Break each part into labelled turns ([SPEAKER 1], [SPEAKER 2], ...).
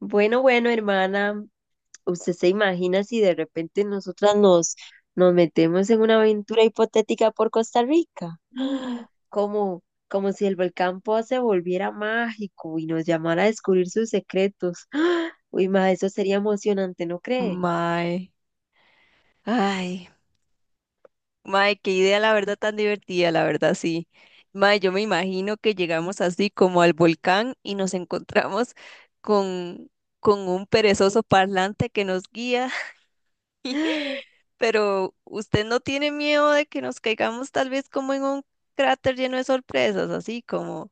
[SPEAKER 1] Bueno, bueno, hermana, ¿usted se imagina si de repente nosotras nos metemos en una aventura hipotética por Costa Rica?
[SPEAKER 2] Mm.
[SPEAKER 1] Como, como si el volcán Poa se volviera mágico y nos llamara a descubrir sus secretos. ¡Ah! Uy, ma, eso sería emocionante, ¿no cree?
[SPEAKER 2] Mae, ay, mae, qué idea la verdad tan divertida, la verdad sí. Mae, yo me imagino que llegamos así como al volcán y nos encontramos con, con un perezoso parlante que nos guía, pero ¿usted no tiene miedo de que nos caigamos tal vez como en un cráter lleno de sorpresas, así como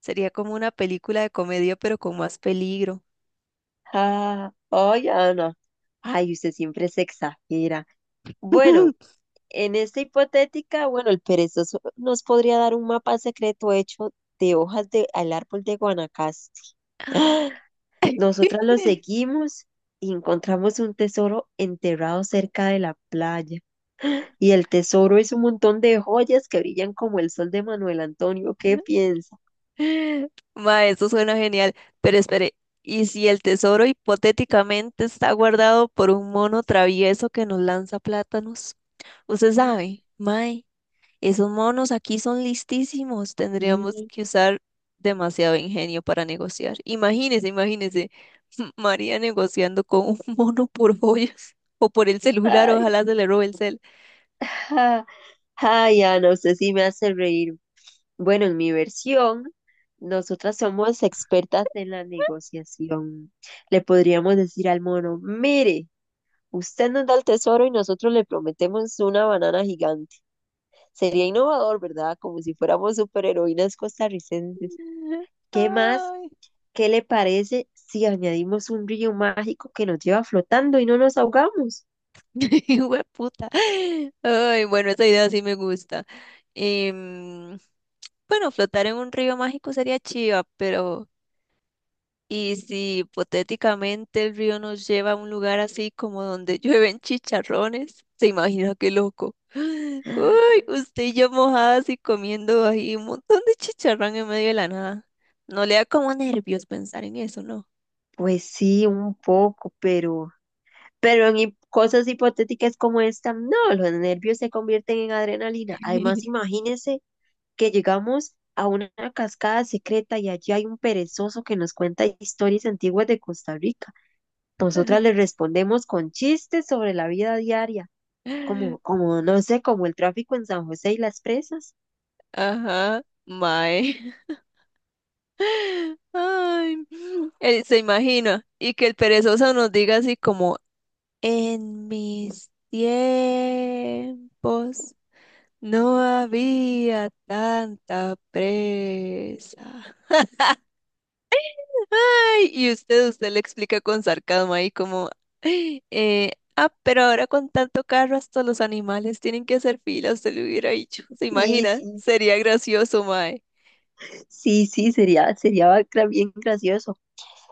[SPEAKER 2] sería como una película de comedia, pero con más peligro?
[SPEAKER 1] Ana, ay, usted siempre se exagera. Bueno, en esta hipotética, bueno, el perezoso nos podría dar un mapa secreto hecho de hojas del árbol de Guanacaste. Nosotras los seguimos y encontramos un tesoro enterrado cerca de la playa. Y el tesoro es un montón de joyas que brillan como el sol de Manuel Antonio. ¿Qué piensa?
[SPEAKER 2] Ma, eso suena genial. Pero espere, ¿y si el tesoro hipotéticamente está guardado por un mono travieso que nos lanza plátanos? Usted sabe, mae, esos monos aquí son listísimos. Tendríamos
[SPEAKER 1] Y-
[SPEAKER 2] que usar demasiado ingenio para negociar. Imagínese, imagínese, María negociando con un mono por joyas o por el celular,
[SPEAKER 1] Ay,
[SPEAKER 2] ojalá se le robe el cel.
[SPEAKER 1] ja, Ana, usted sí me hace reír. Bueno, en mi versión, nosotras somos expertas en la negociación. Le podríamos decir al mono, mire, usted nos da el tesoro y nosotros le prometemos una banana gigante. Sería innovador, ¿verdad? Como si fuéramos superheroínas costarricenses. ¿Qué más?
[SPEAKER 2] Ay,
[SPEAKER 1] ¿Qué le parece si añadimos un río mágico que nos lleva flotando y no nos ahogamos?
[SPEAKER 2] hueputa. Ay, bueno, esa idea sí me gusta. Em, bueno, flotar en un río mágico sería chiva, pero y si hipotéticamente el río nos lleva a un lugar así como donde llueven chicharrones, se imagina qué loco. Uy, usted y yo mojadas y comiendo ahí un montón de chicharrón en medio de la nada. No le da como nervios pensar en eso, ¿no?
[SPEAKER 1] Pues sí, un poco, pero en cosas hipotéticas como esta, no, los nervios se convierten en adrenalina. Además, imagínense que llegamos a una cascada secreta y allí hay un perezoso que nos cuenta historias antiguas de Costa Rica. Nosotras le respondemos con chistes sobre la vida diaria, no sé, como el tráfico en San José y las presas.
[SPEAKER 2] Ajá, mae. Ay, él se imagina. Y que el perezoso nos diga así como, en mis tiempos. No había tanta presa. Ay, y usted le explica con sarcasmo ahí como, "Ay, pero ahora con tanto carro hasta los animales tienen que hacer fila", usted le hubiera dicho, ¿se
[SPEAKER 1] Sí,
[SPEAKER 2] imagina?
[SPEAKER 1] sí,
[SPEAKER 2] Sería gracioso, mae.
[SPEAKER 1] sí, sí, bien gracioso.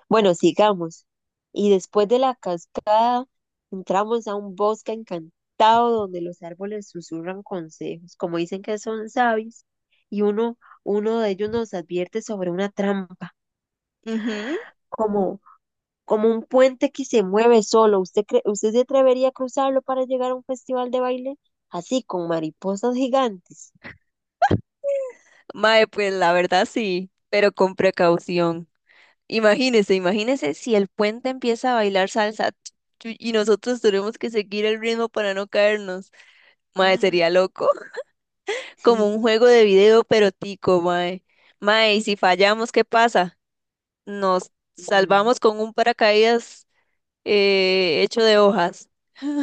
[SPEAKER 1] Bueno, sigamos. Y después de la cascada, entramos a un bosque encantado donde los árboles susurran consejos, como dicen que son sabios, y uno de ellos nos advierte sobre una trampa,
[SPEAKER 2] Ujú.
[SPEAKER 1] como, como un puente que se mueve solo. Usted se atrevería a cruzarlo para llegar a un festival de baile? Así, con mariposas gigantes.
[SPEAKER 2] Mae, pues la verdad sí, pero con precaución. Imagínese, imagínese si el puente empieza a bailar salsa y nosotros tenemos que seguir el ritmo para no caernos. Mae, sería loco. Como un
[SPEAKER 1] Sí,
[SPEAKER 2] juego de video, pero tico, mae. Mae, y si fallamos, ¿qué pasa? Nos
[SPEAKER 1] mm,
[SPEAKER 2] salvamos con un paracaídas hecho de hojas.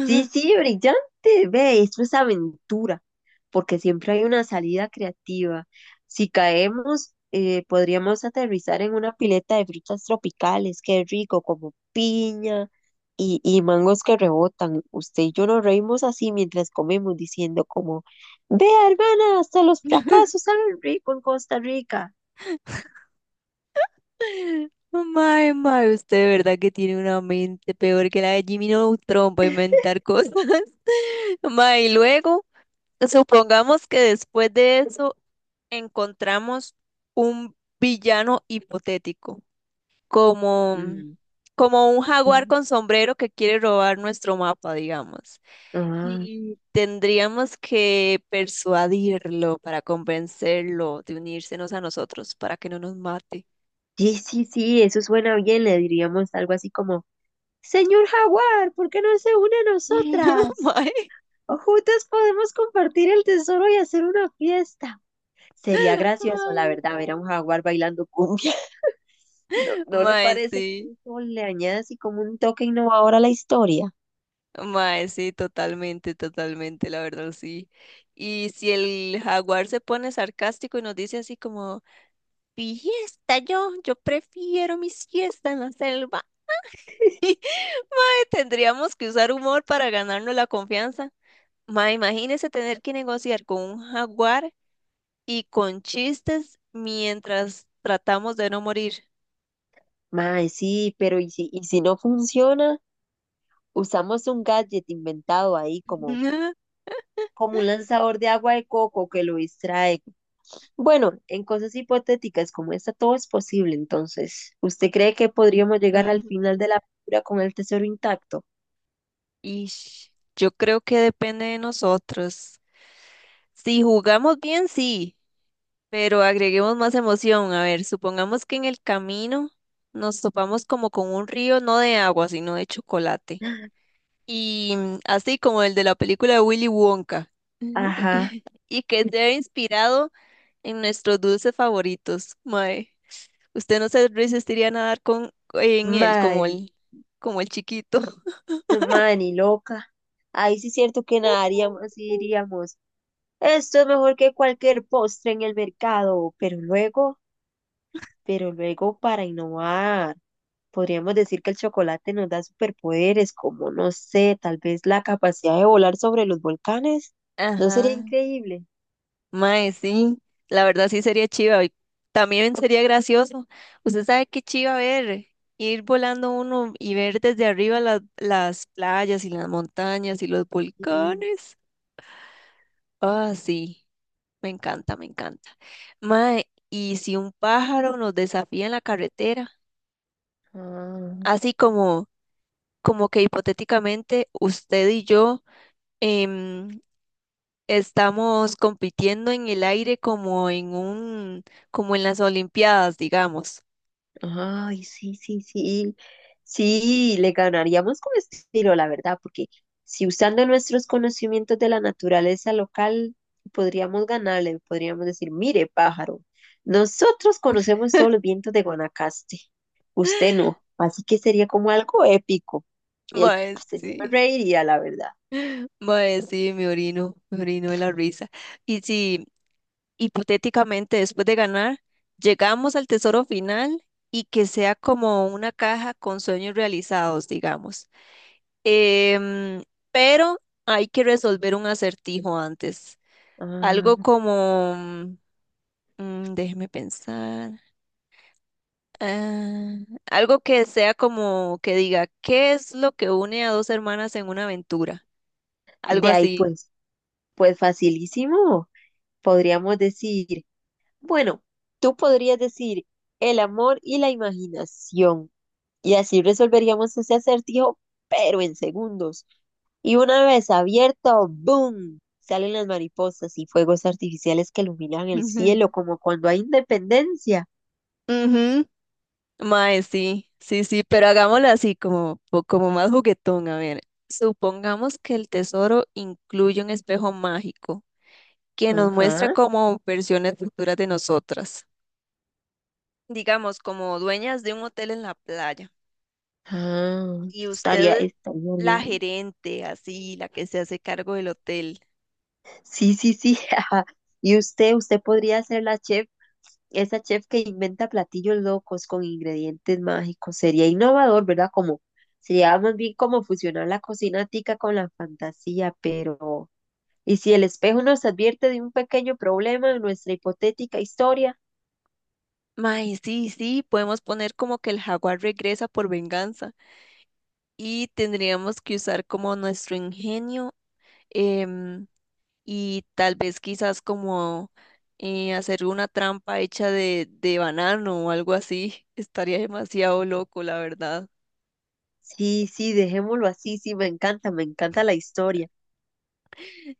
[SPEAKER 1] sí, sí, brillante, ve, esto es aventura, porque siempre hay una salida creativa. Si caemos, podríamos aterrizar en una pileta de frutas tropicales, qué rico, como piña y mangos que rebotan. Usted y yo nos reímos así mientras comemos, diciendo como, vea, hermana, hasta los fracasos saben rico en Costa Rica.
[SPEAKER 2] Mae, mae, usted de verdad que tiene una mente peor que la de Jimmy Neutron para inventar cosas. Mae, y luego, supongamos que después de eso encontramos un villano hipotético. como,
[SPEAKER 1] Mm.
[SPEAKER 2] Como un jaguar con sombrero que quiere robar nuestro mapa, digamos.
[SPEAKER 1] Ah,
[SPEAKER 2] Y tendríamos que persuadirlo para convencerlo de unírsenos a nosotros para que no nos mate.
[SPEAKER 1] sí, sí, sí, eso suena bien, le diríamos algo así como... Señor Jaguar, ¿por qué no se une a
[SPEAKER 2] No,
[SPEAKER 1] nosotras?
[SPEAKER 2] mae,
[SPEAKER 1] O juntas podemos compartir el tesoro y hacer una fiesta. Sería gracioso, la
[SPEAKER 2] ay,
[SPEAKER 1] verdad, ver a un jaguar bailando cumbia. ¿No, no le
[SPEAKER 2] mae,
[SPEAKER 1] parece
[SPEAKER 2] sí,
[SPEAKER 1] que eso le añade así como un toque innovador a la historia?
[SPEAKER 2] mae, sí, totalmente, totalmente, la verdad, sí. Y si el jaguar se pone sarcástico y nos dice así como, fiesta yo prefiero mi siesta en la selva. Tendríamos que usar humor para ganarnos la confianza. Ma, imagínese tener que negociar con un jaguar y con chistes mientras tratamos de no morir.
[SPEAKER 1] Mae, sí, pero y si no funciona? Usamos un gadget inventado ahí como, como un lanzador de agua de coco que lo distrae. Bueno, en cosas hipotéticas como esta todo es posible. Entonces, ¿usted cree que podríamos llegar al final de la película con el tesoro intacto?
[SPEAKER 2] Y yo creo que depende de nosotros. Si jugamos bien, sí, pero agreguemos más emoción. A ver, supongamos que en el camino nos topamos como con un río, no de agua, sino de chocolate. Y así como el de la película de Willy Wonka,
[SPEAKER 1] Ajá,
[SPEAKER 2] y que se ha inspirado en nuestros dulces favoritos. Mae, usted no se resistiría a nadar con, en él
[SPEAKER 1] man,
[SPEAKER 2] como el chiquito.
[SPEAKER 1] man y loca. Ahí sí es cierto que nadaríamos y diríamos, esto es mejor que cualquier postre en el mercado, pero luego para innovar, podríamos decir que el chocolate nos da superpoderes, como no sé, tal vez la capacidad de volar sobre los volcanes, ¿no sería
[SPEAKER 2] Ajá.
[SPEAKER 1] increíble?
[SPEAKER 2] Mae, sí, la verdad sí sería chiva. Y también sería gracioso. Usted sabe qué chiva ver, ir volando uno y ver desde arriba las playas y las montañas y los volcanes. Ah, sí. Me encanta, me encanta. Mae, ¿y si un pájaro nos desafía en la carretera?
[SPEAKER 1] Ah,
[SPEAKER 2] Así como, como que hipotéticamente usted y yo em, estamos compitiendo en el aire como en un, como en las Olimpiadas, digamos.
[SPEAKER 1] ay, sí, sí, sí. Sí, le ganaríamos con estilo, la verdad, porque si usando nuestros conocimientos de la naturaleza local, podríamos decir, mire, pájaro, nosotros conocemos todos los vientos de Guanacaste, usted no, así que sería como algo épico. Y él,
[SPEAKER 2] Mae,
[SPEAKER 1] pues, yo me
[SPEAKER 2] sí.
[SPEAKER 1] reiría, la verdad.
[SPEAKER 2] Mae, sí, me orino de la risa. Y si hipotéticamente después de ganar, llegamos al tesoro final y que sea como una caja con sueños realizados, digamos. Em, pero hay que resolver un acertijo antes. Algo
[SPEAKER 1] Ah,
[SPEAKER 2] como, déjeme pensar, ah, algo que sea como que diga, ¿qué es lo que une a dos hermanas en una aventura? Algo
[SPEAKER 1] de ahí,
[SPEAKER 2] así.
[SPEAKER 1] pues, pues facilísimo, podríamos decir. Bueno, tú podrías decir el amor y la imaginación, y así resolveríamos ese acertijo, pero en segundos. Y una vez abierto, ¡boom! Salen las mariposas y fuegos artificiales que iluminan el cielo, como cuando hay independencia.
[SPEAKER 2] Ujú. Mae, sí, sí, sí, pero hagámoslo así, como, po- como más juguetón. A ver, supongamos que el tesoro incluye un espejo mágico que nos muestra
[SPEAKER 1] Ajá.
[SPEAKER 2] como versiones futuras de nosotras. Digamos, como dueñas de un hotel en la playa
[SPEAKER 1] Ah,
[SPEAKER 2] y
[SPEAKER 1] estaría,
[SPEAKER 2] usted
[SPEAKER 1] estaría
[SPEAKER 2] la
[SPEAKER 1] bien.
[SPEAKER 2] gerente, así, la que se hace cargo del hotel.
[SPEAKER 1] Sí, sí, sí. Y usted podría ser la chef, esa chef que inventa platillos locos con ingredientes mágicos. Sería innovador, ¿verdad? Como sería más bien como fusionar la cocina tica con la fantasía, pero ¿y si el espejo nos advierte de un pequeño problema en nuestra hipotética historia?
[SPEAKER 2] Mae, sí, sí, podemos poner como que el jaguar regresa por venganza y tendríamos que usar como nuestro ingenio. em, y tal vez quizás como hacer una trampa hecha de banano o algo así. Estaría demasiado loco, la verdad.
[SPEAKER 1] Sí, sí, dejémoslo así. Sí, me encanta la historia.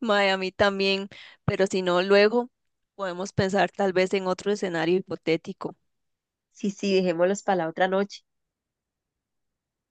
[SPEAKER 2] Mae, a mí también, pero si no, luego podemos pensar tal vez en otro escenario hipotético.
[SPEAKER 1] Sí, sí, dejémoslos para la otra noche.